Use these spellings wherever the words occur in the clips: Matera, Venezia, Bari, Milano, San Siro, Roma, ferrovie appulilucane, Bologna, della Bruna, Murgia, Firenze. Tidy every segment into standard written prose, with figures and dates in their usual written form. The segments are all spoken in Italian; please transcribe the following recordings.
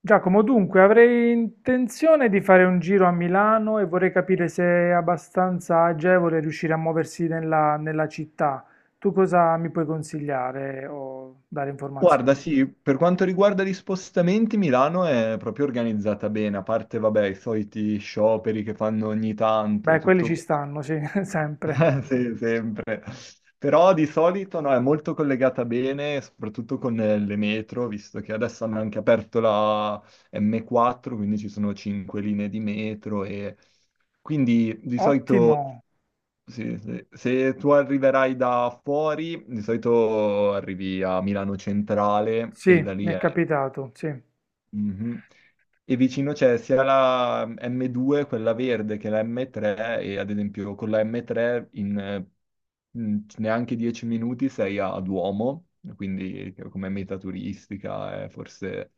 Giacomo, dunque avrei intenzione di fare un giro a Milano e vorrei capire se è abbastanza agevole riuscire a muoversi nella città. Tu cosa mi puoi consigliare o dare informazioni? Guarda, sì, per quanto riguarda gli spostamenti, Milano è proprio organizzata bene, a parte, vabbè, i soliti scioperi che fanno ogni tanto e Beh, quelli ci tutto qua. stanno, sì, sempre. Sì, sempre. Però di solito no, è molto collegata bene, soprattutto con le metro, visto che adesso hanno anche aperto la M4, quindi ci sono cinque linee di metro e quindi di solito Ottimo, sì, sì, se tu arriverai da fuori, di solito arrivi a Milano Centrale sì, e da lì mi è è... capitato, sì. Mhm. E vicino c'è sia la M2, quella verde, che la M3 e ad esempio con la M3 in neanche 10 minuti sei a Duomo, quindi come meta turistica è forse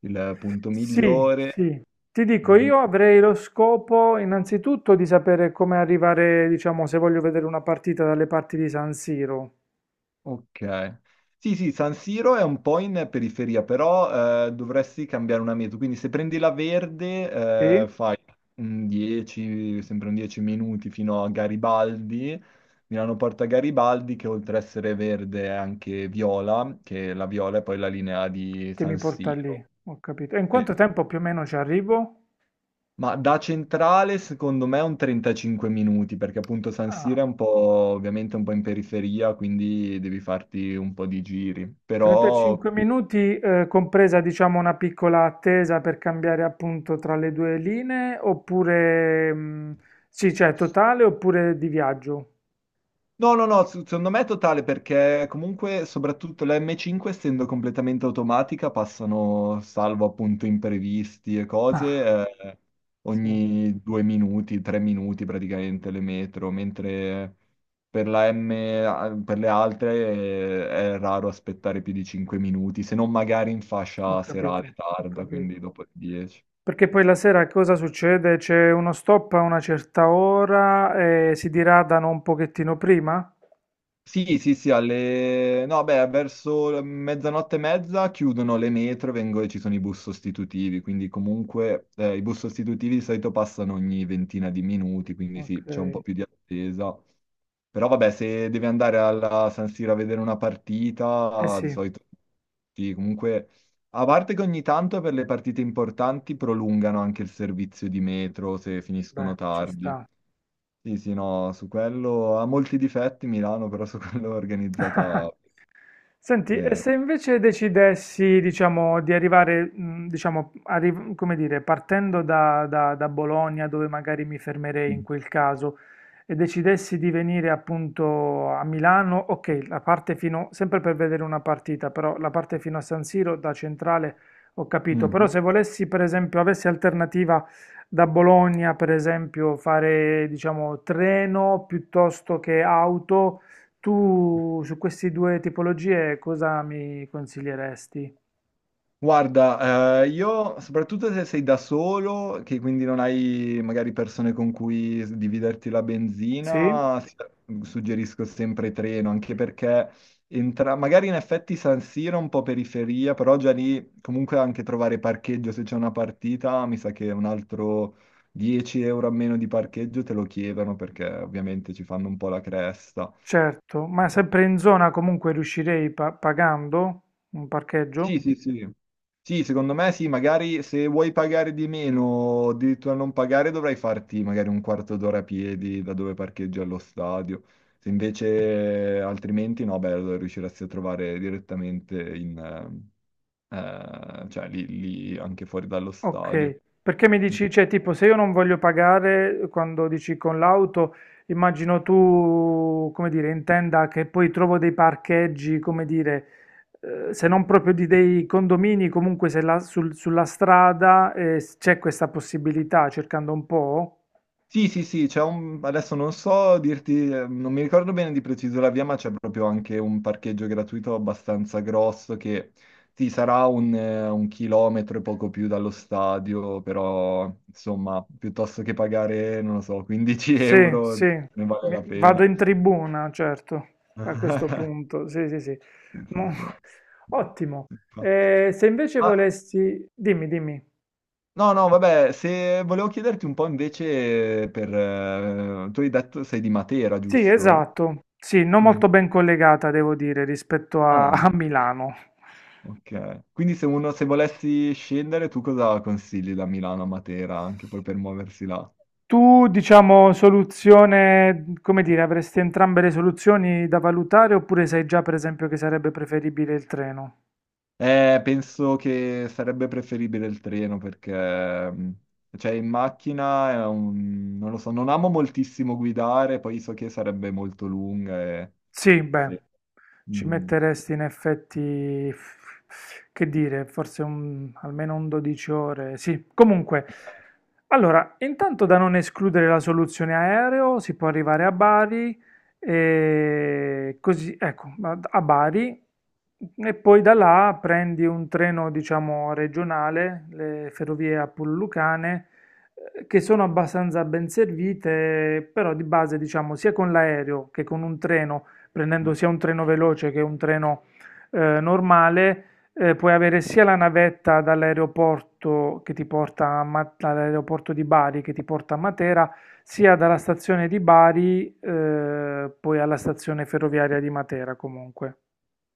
il punto Sì, migliore. sì. Ti dico, Mhm. io avrei lo scopo innanzitutto di sapere come arrivare, diciamo, se voglio vedere una partita dalle parti di San Siro. Ok. Sì, sì, San Siro è un po' in periferia, però dovresti cambiare una meta. Quindi se prendi la verde, Sì? Fai un 10, sempre un 10 minuti fino a Garibaldi Milano Porta Garibaldi, che oltre a essere verde è anche viola, che la viola è poi la linea di Che mi San porta Siro. lì, ho capito. E in Sì, quanto sì. tempo più o meno ci arrivo? Ma da centrale secondo me è un 35 minuti, perché appunto San Ah, Siro è un po', ovviamente un po' in periferia, quindi devi farti un po' di giri. Però... 35 minuti, compresa diciamo una piccola attesa per cambiare appunto tra le due linee, oppure sì, cioè totale oppure di viaggio. No, no, no, secondo me è totale perché comunque soprattutto la M5 essendo completamente automatica passano, salvo appunto imprevisti e Ah, cose, sì, ogni 2 minuti, 3 minuti praticamente le metro, mentre per le altre è raro aspettare più di 5 minuti, se non magari in ho fascia capito, serale ho tarda, capito. quindi dopo le 10. Perché poi la sera cosa succede? C'è uno stop a una certa ora e si diradano un pochettino prima? Sì, sì, sì, no, beh, verso mezzanotte e mezza chiudono le metro e ci sono i bus sostitutivi, quindi comunque i bus sostitutivi di solito passano ogni ventina di minuti, quindi Ok, sì, c'è un po' eh più di attesa. Però vabbè, se devi andare alla San Siro a vedere una partita, di sì, solito sì, comunque... A parte che ogni tanto per le partite importanti prolungano anche il servizio di metro se beh, finiscono ci tardi. sta. Sì, sì, no, su quello ha molti difetti Milano, però su quello è organizzata... Senti, e eh, se invece decidessi, diciamo, di arrivare, diciamo, come dire, partendo da Bologna, dove magari mi fermerei in mm. quel caso, e decidessi di venire appunto a Milano, ok, la parte fino, sempre per vedere una partita, però la parte fino a San Siro da centrale ho capito, però Mhm. se volessi, per esempio, avessi alternativa da Bologna, per esempio, fare, diciamo, treno piuttosto che auto, tu su queste due tipologie cosa mi consiglieresti? Guarda, io soprattutto se sei da solo, che quindi non hai magari persone con cui dividerti la Sì, benzina, suggerisco sempre treno, anche perché magari in effetti San Siro è un po' periferia, però già lì comunque anche trovare parcheggio se c'è una partita, mi sa che un altro 10 euro a meno di parcheggio te lo chiedono perché ovviamente ci fanno un po' la cresta. certo, ma sempre in zona comunque riuscirei pagando un Sì, parcheggio? sì, sì. Sì, secondo me sì, magari se vuoi pagare di meno, o addirittura non pagare, dovrai farti magari un quarto d'ora a piedi da dove parcheggi allo stadio. Se invece altrimenti no, beh, allora riusciresti a trovare direttamente eh, cioè, lì anche fuori dallo stadio. Ok, perché mi Mm. dici, cioè tipo se io non voglio pagare quando dici con l'auto, immagino tu, come dire, intenda che poi trovo dei parcheggi, come dire, se Mm. non proprio di dei condomini, comunque se sulla strada c'è questa possibilità cercando un po'? Sì, sì, sì, adesso non so dirti, non mi ricordo bene di preciso la via, ma c'è proprio anche un parcheggio gratuito abbastanza grosso che sì, sarà un chilometro e poco più dallo stadio, però insomma, piuttosto che pagare, non lo so, 15 Sì, euro sì, ne vale la pena. vado in tribuna, certo, a questo punto, sì, sì, sì. Sì, Mo- sì, sì. Ottimo. Infatti. Se invece Ah, volessi, dimmi, dimmi. no, no, vabbè, se volevo chiederti un po' invece tu hai detto sei di Matera, Sì, giusto? esatto, sì, non Mm. molto ben collegata, devo dire, rispetto a, a Ah. Milano. Ok. Quindi se volessi scendere, tu cosa consigli da Milano a Matera, anche poi per muoversi là? Tu, diciamo, soluzione, come dire, avresti entrambe le soluzioni da valutare oppure sai già, per esempio, che sarebbe preferibile il treno? Penso che sarebbe preferibile il treno perché, mh, cioè, in macchina non lo so, non amo moltissimo guidare, poi so che sarebbe molto lunga e... Sì, beh, Sì. ci Mm. metteresti in effetti, che dire, forse almeno un 12 ore. Sì, comunque, allora, intanto da non escludere la soluzione aereo, si può arrivare a Bari, e così, ecco, a a Bari, e poi da là prendi un treno, diciamo, regionale, le ferrovie appulilucane, che sono abbastanza ben servite, però di base, diciamo, sia con l'aereo che con un treno prendendo sia un treno veloce che un treno normale, puoi avere sia la navetta dall'aeroporto che ti porta a dall'aeroporto di Bari che ti porta a Matera, sia dalla stazione di Bari, poi alla stazione ferroviaria di Matera comunque.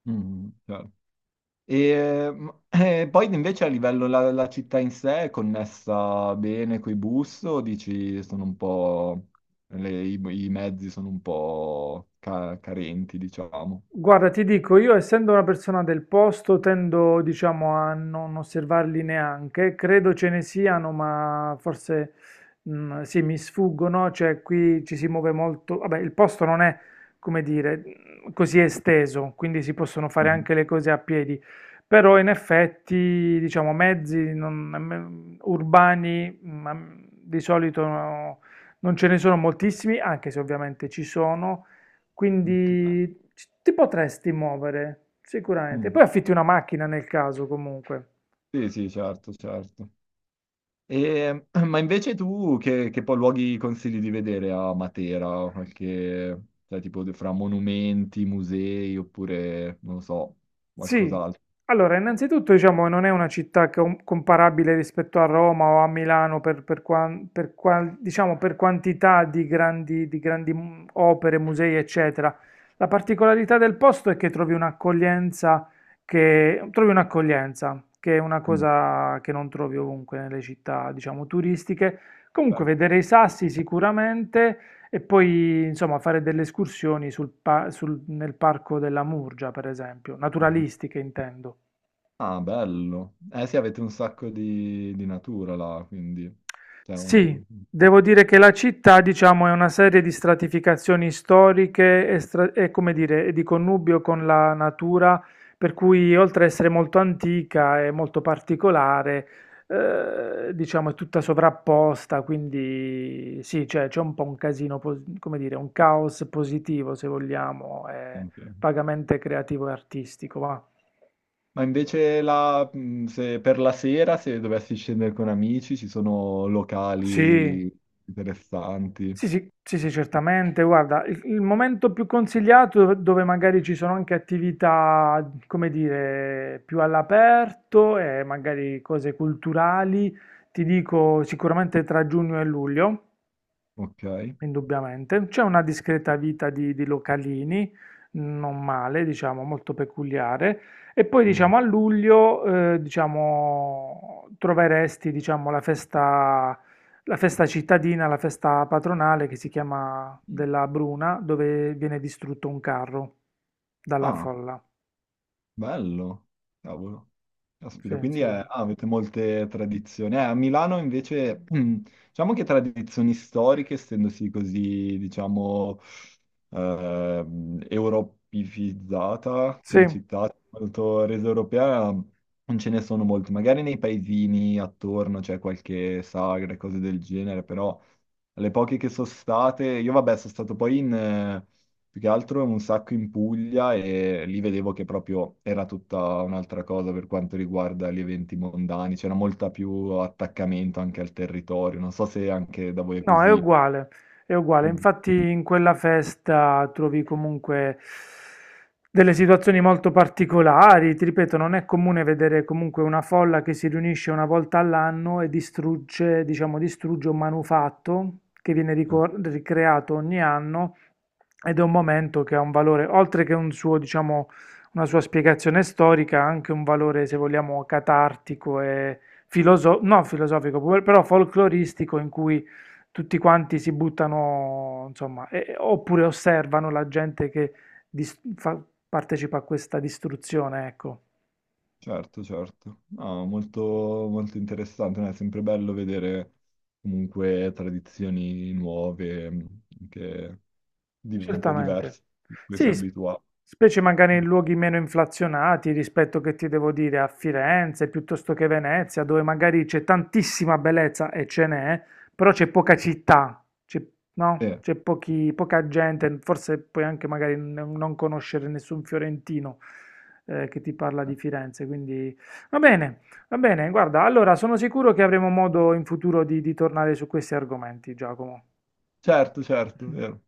Mm, certo. E, poi invece a livello la città in sé è connessa bene coi bus o dici sono un po' i mezzi sono un po' carenti, diciamo. Guarda, ti dico, io essendo una persona del posto tendo, diciamo, a non osservarli neanche, credo ce ne siano, ma forse sì, mi sfuggono, cioè qui ci si muove molto, vabbè, il posto non è, come dire, mm, così esteso, quindi si possono fare Mhm. anche le cose a piedi, però in effetti, diciamo, mezzi non- mm, urbani ma, mm, di solito no, non ce ne sono moltissimi, anche se ovviamente ci sono. Ok. Quindi ti potresti muovere, sicuramente. Poi Mm. affitti una macchina nel caso, comunque. Sì, sì, certo, certo. E, ma invece tu che poi luoghi consigli di vedere a Matera? Cioè, tipo fra monumenti, musei oppure, non lo so, Sì, qualcos'altro. allora, innanzitutto diciamo che non è una città comparabile rispetto a Roma o a Milano per, diciamo, per quantità di opere, musei, eccetera. La particolarità del posto è che trovi un'accoglienza che è una Mm. cosa che non trovi ovunque nelle città, diciamo, turistiche. Comunque, Certo. vedere i sassi sicuramente. E poi, insomma, fare delle escursioni nel parco della Murgia, per esempio, naturalistiche intendo. Ah, bello. Eh sì, avete un sacco di natura là, quindi... cioè, Sì, un- devo dire che la città, diciamo, è una serie di stratificazioni storiche come dire, e di connubio con la natura, per cui oltre ad essere molto antica e molto particolare, diciamo, è tutta sovrapposta, quindi sì, cioè, c'è un po' un casino, come dire, un caos positivo, se vogliamo, anche- vagamente creativo e artistico, va. Ma invece se per la sera, se dovessi scendere con amici, ci sono Sì, locali interessanti, sì, sì, sì, sì, certamente. Guarda, il momento più consigliato dove dove magari ci sono anche attività, come dire, più all'aperto e magari cose culturali, ti dico sicuramente tra giugno e luglio. ok? Indubbiamente. C'è una discreta vita di localini, non male, diciamo, molto peculiare. E poi, Mm. diciamo, a luglio, diciamo, troveresti, diciamo, la festa cittadina, la festa patronale che si chiama della Bruna, dove viene distrutto un carro dalla Ah. folla. Bello, cavolo. Sì, Caspita, quindi sì. ah, avete molte tradizioni. A Milano invece, diciamo che tradizioni storiche, essendosi così, diciamo, europeizzata come Sì. città, molto resa europea, non ce ne sono molte. Magari nei paesini attorno c'è qualche sagra e cose del genere, però le poche che sono state, io vabbè sono stato poi più che altro un sacco in Puglia e lì vedevo che proprio era tutta un'altra cosa per quanto riguarda gli eventi mondani, c'era molta più attaccamento anche al territorio, non so se anche da voi è No, è così. uguale, è uguale. Mm. Infatti in quella festa trovi comunque delle situazioni molto particolari. Ti ripeto, non è comune vedere comunque una folla che si riunisce una volta all'anno e distrugge, diciamo, distrugge un manufatto che viene ricreato ogni anno ed è un momento che ha un valore, oltre che un suo, diciamo, una sua spiegazione storica, ha anche un valore, se vogliamo, catartico e filoso- no, filosofico, però folcloristico in cui tutti quanti si buttano, insomma, oppure osservano la gente che dis- fa- partecipa a questa distruzione, ecco. Certo, certo. No, molto, molto interessante, no, è sempre bello vedere comunque tradizioni nuove, che un po' Certamente. diverse, da cui si è Sì, abituati. specie magari in luoghi meno inflazionati rispetto che ti devo dire a Firenze piuttosto che Venezia, dove magari c'è tantissima bellezza e ce n'è, però c'è poca città, c'è no? Eh. Poca gente, forse puoi anche magari non conoscere nessun fiorentino che ti parla di Firenze, quindi va bene, va bene, guarda, allora sono sicuro che avremo modo in futuro di tornare su questi argomenti, Giacomo. Certo, certo, vero.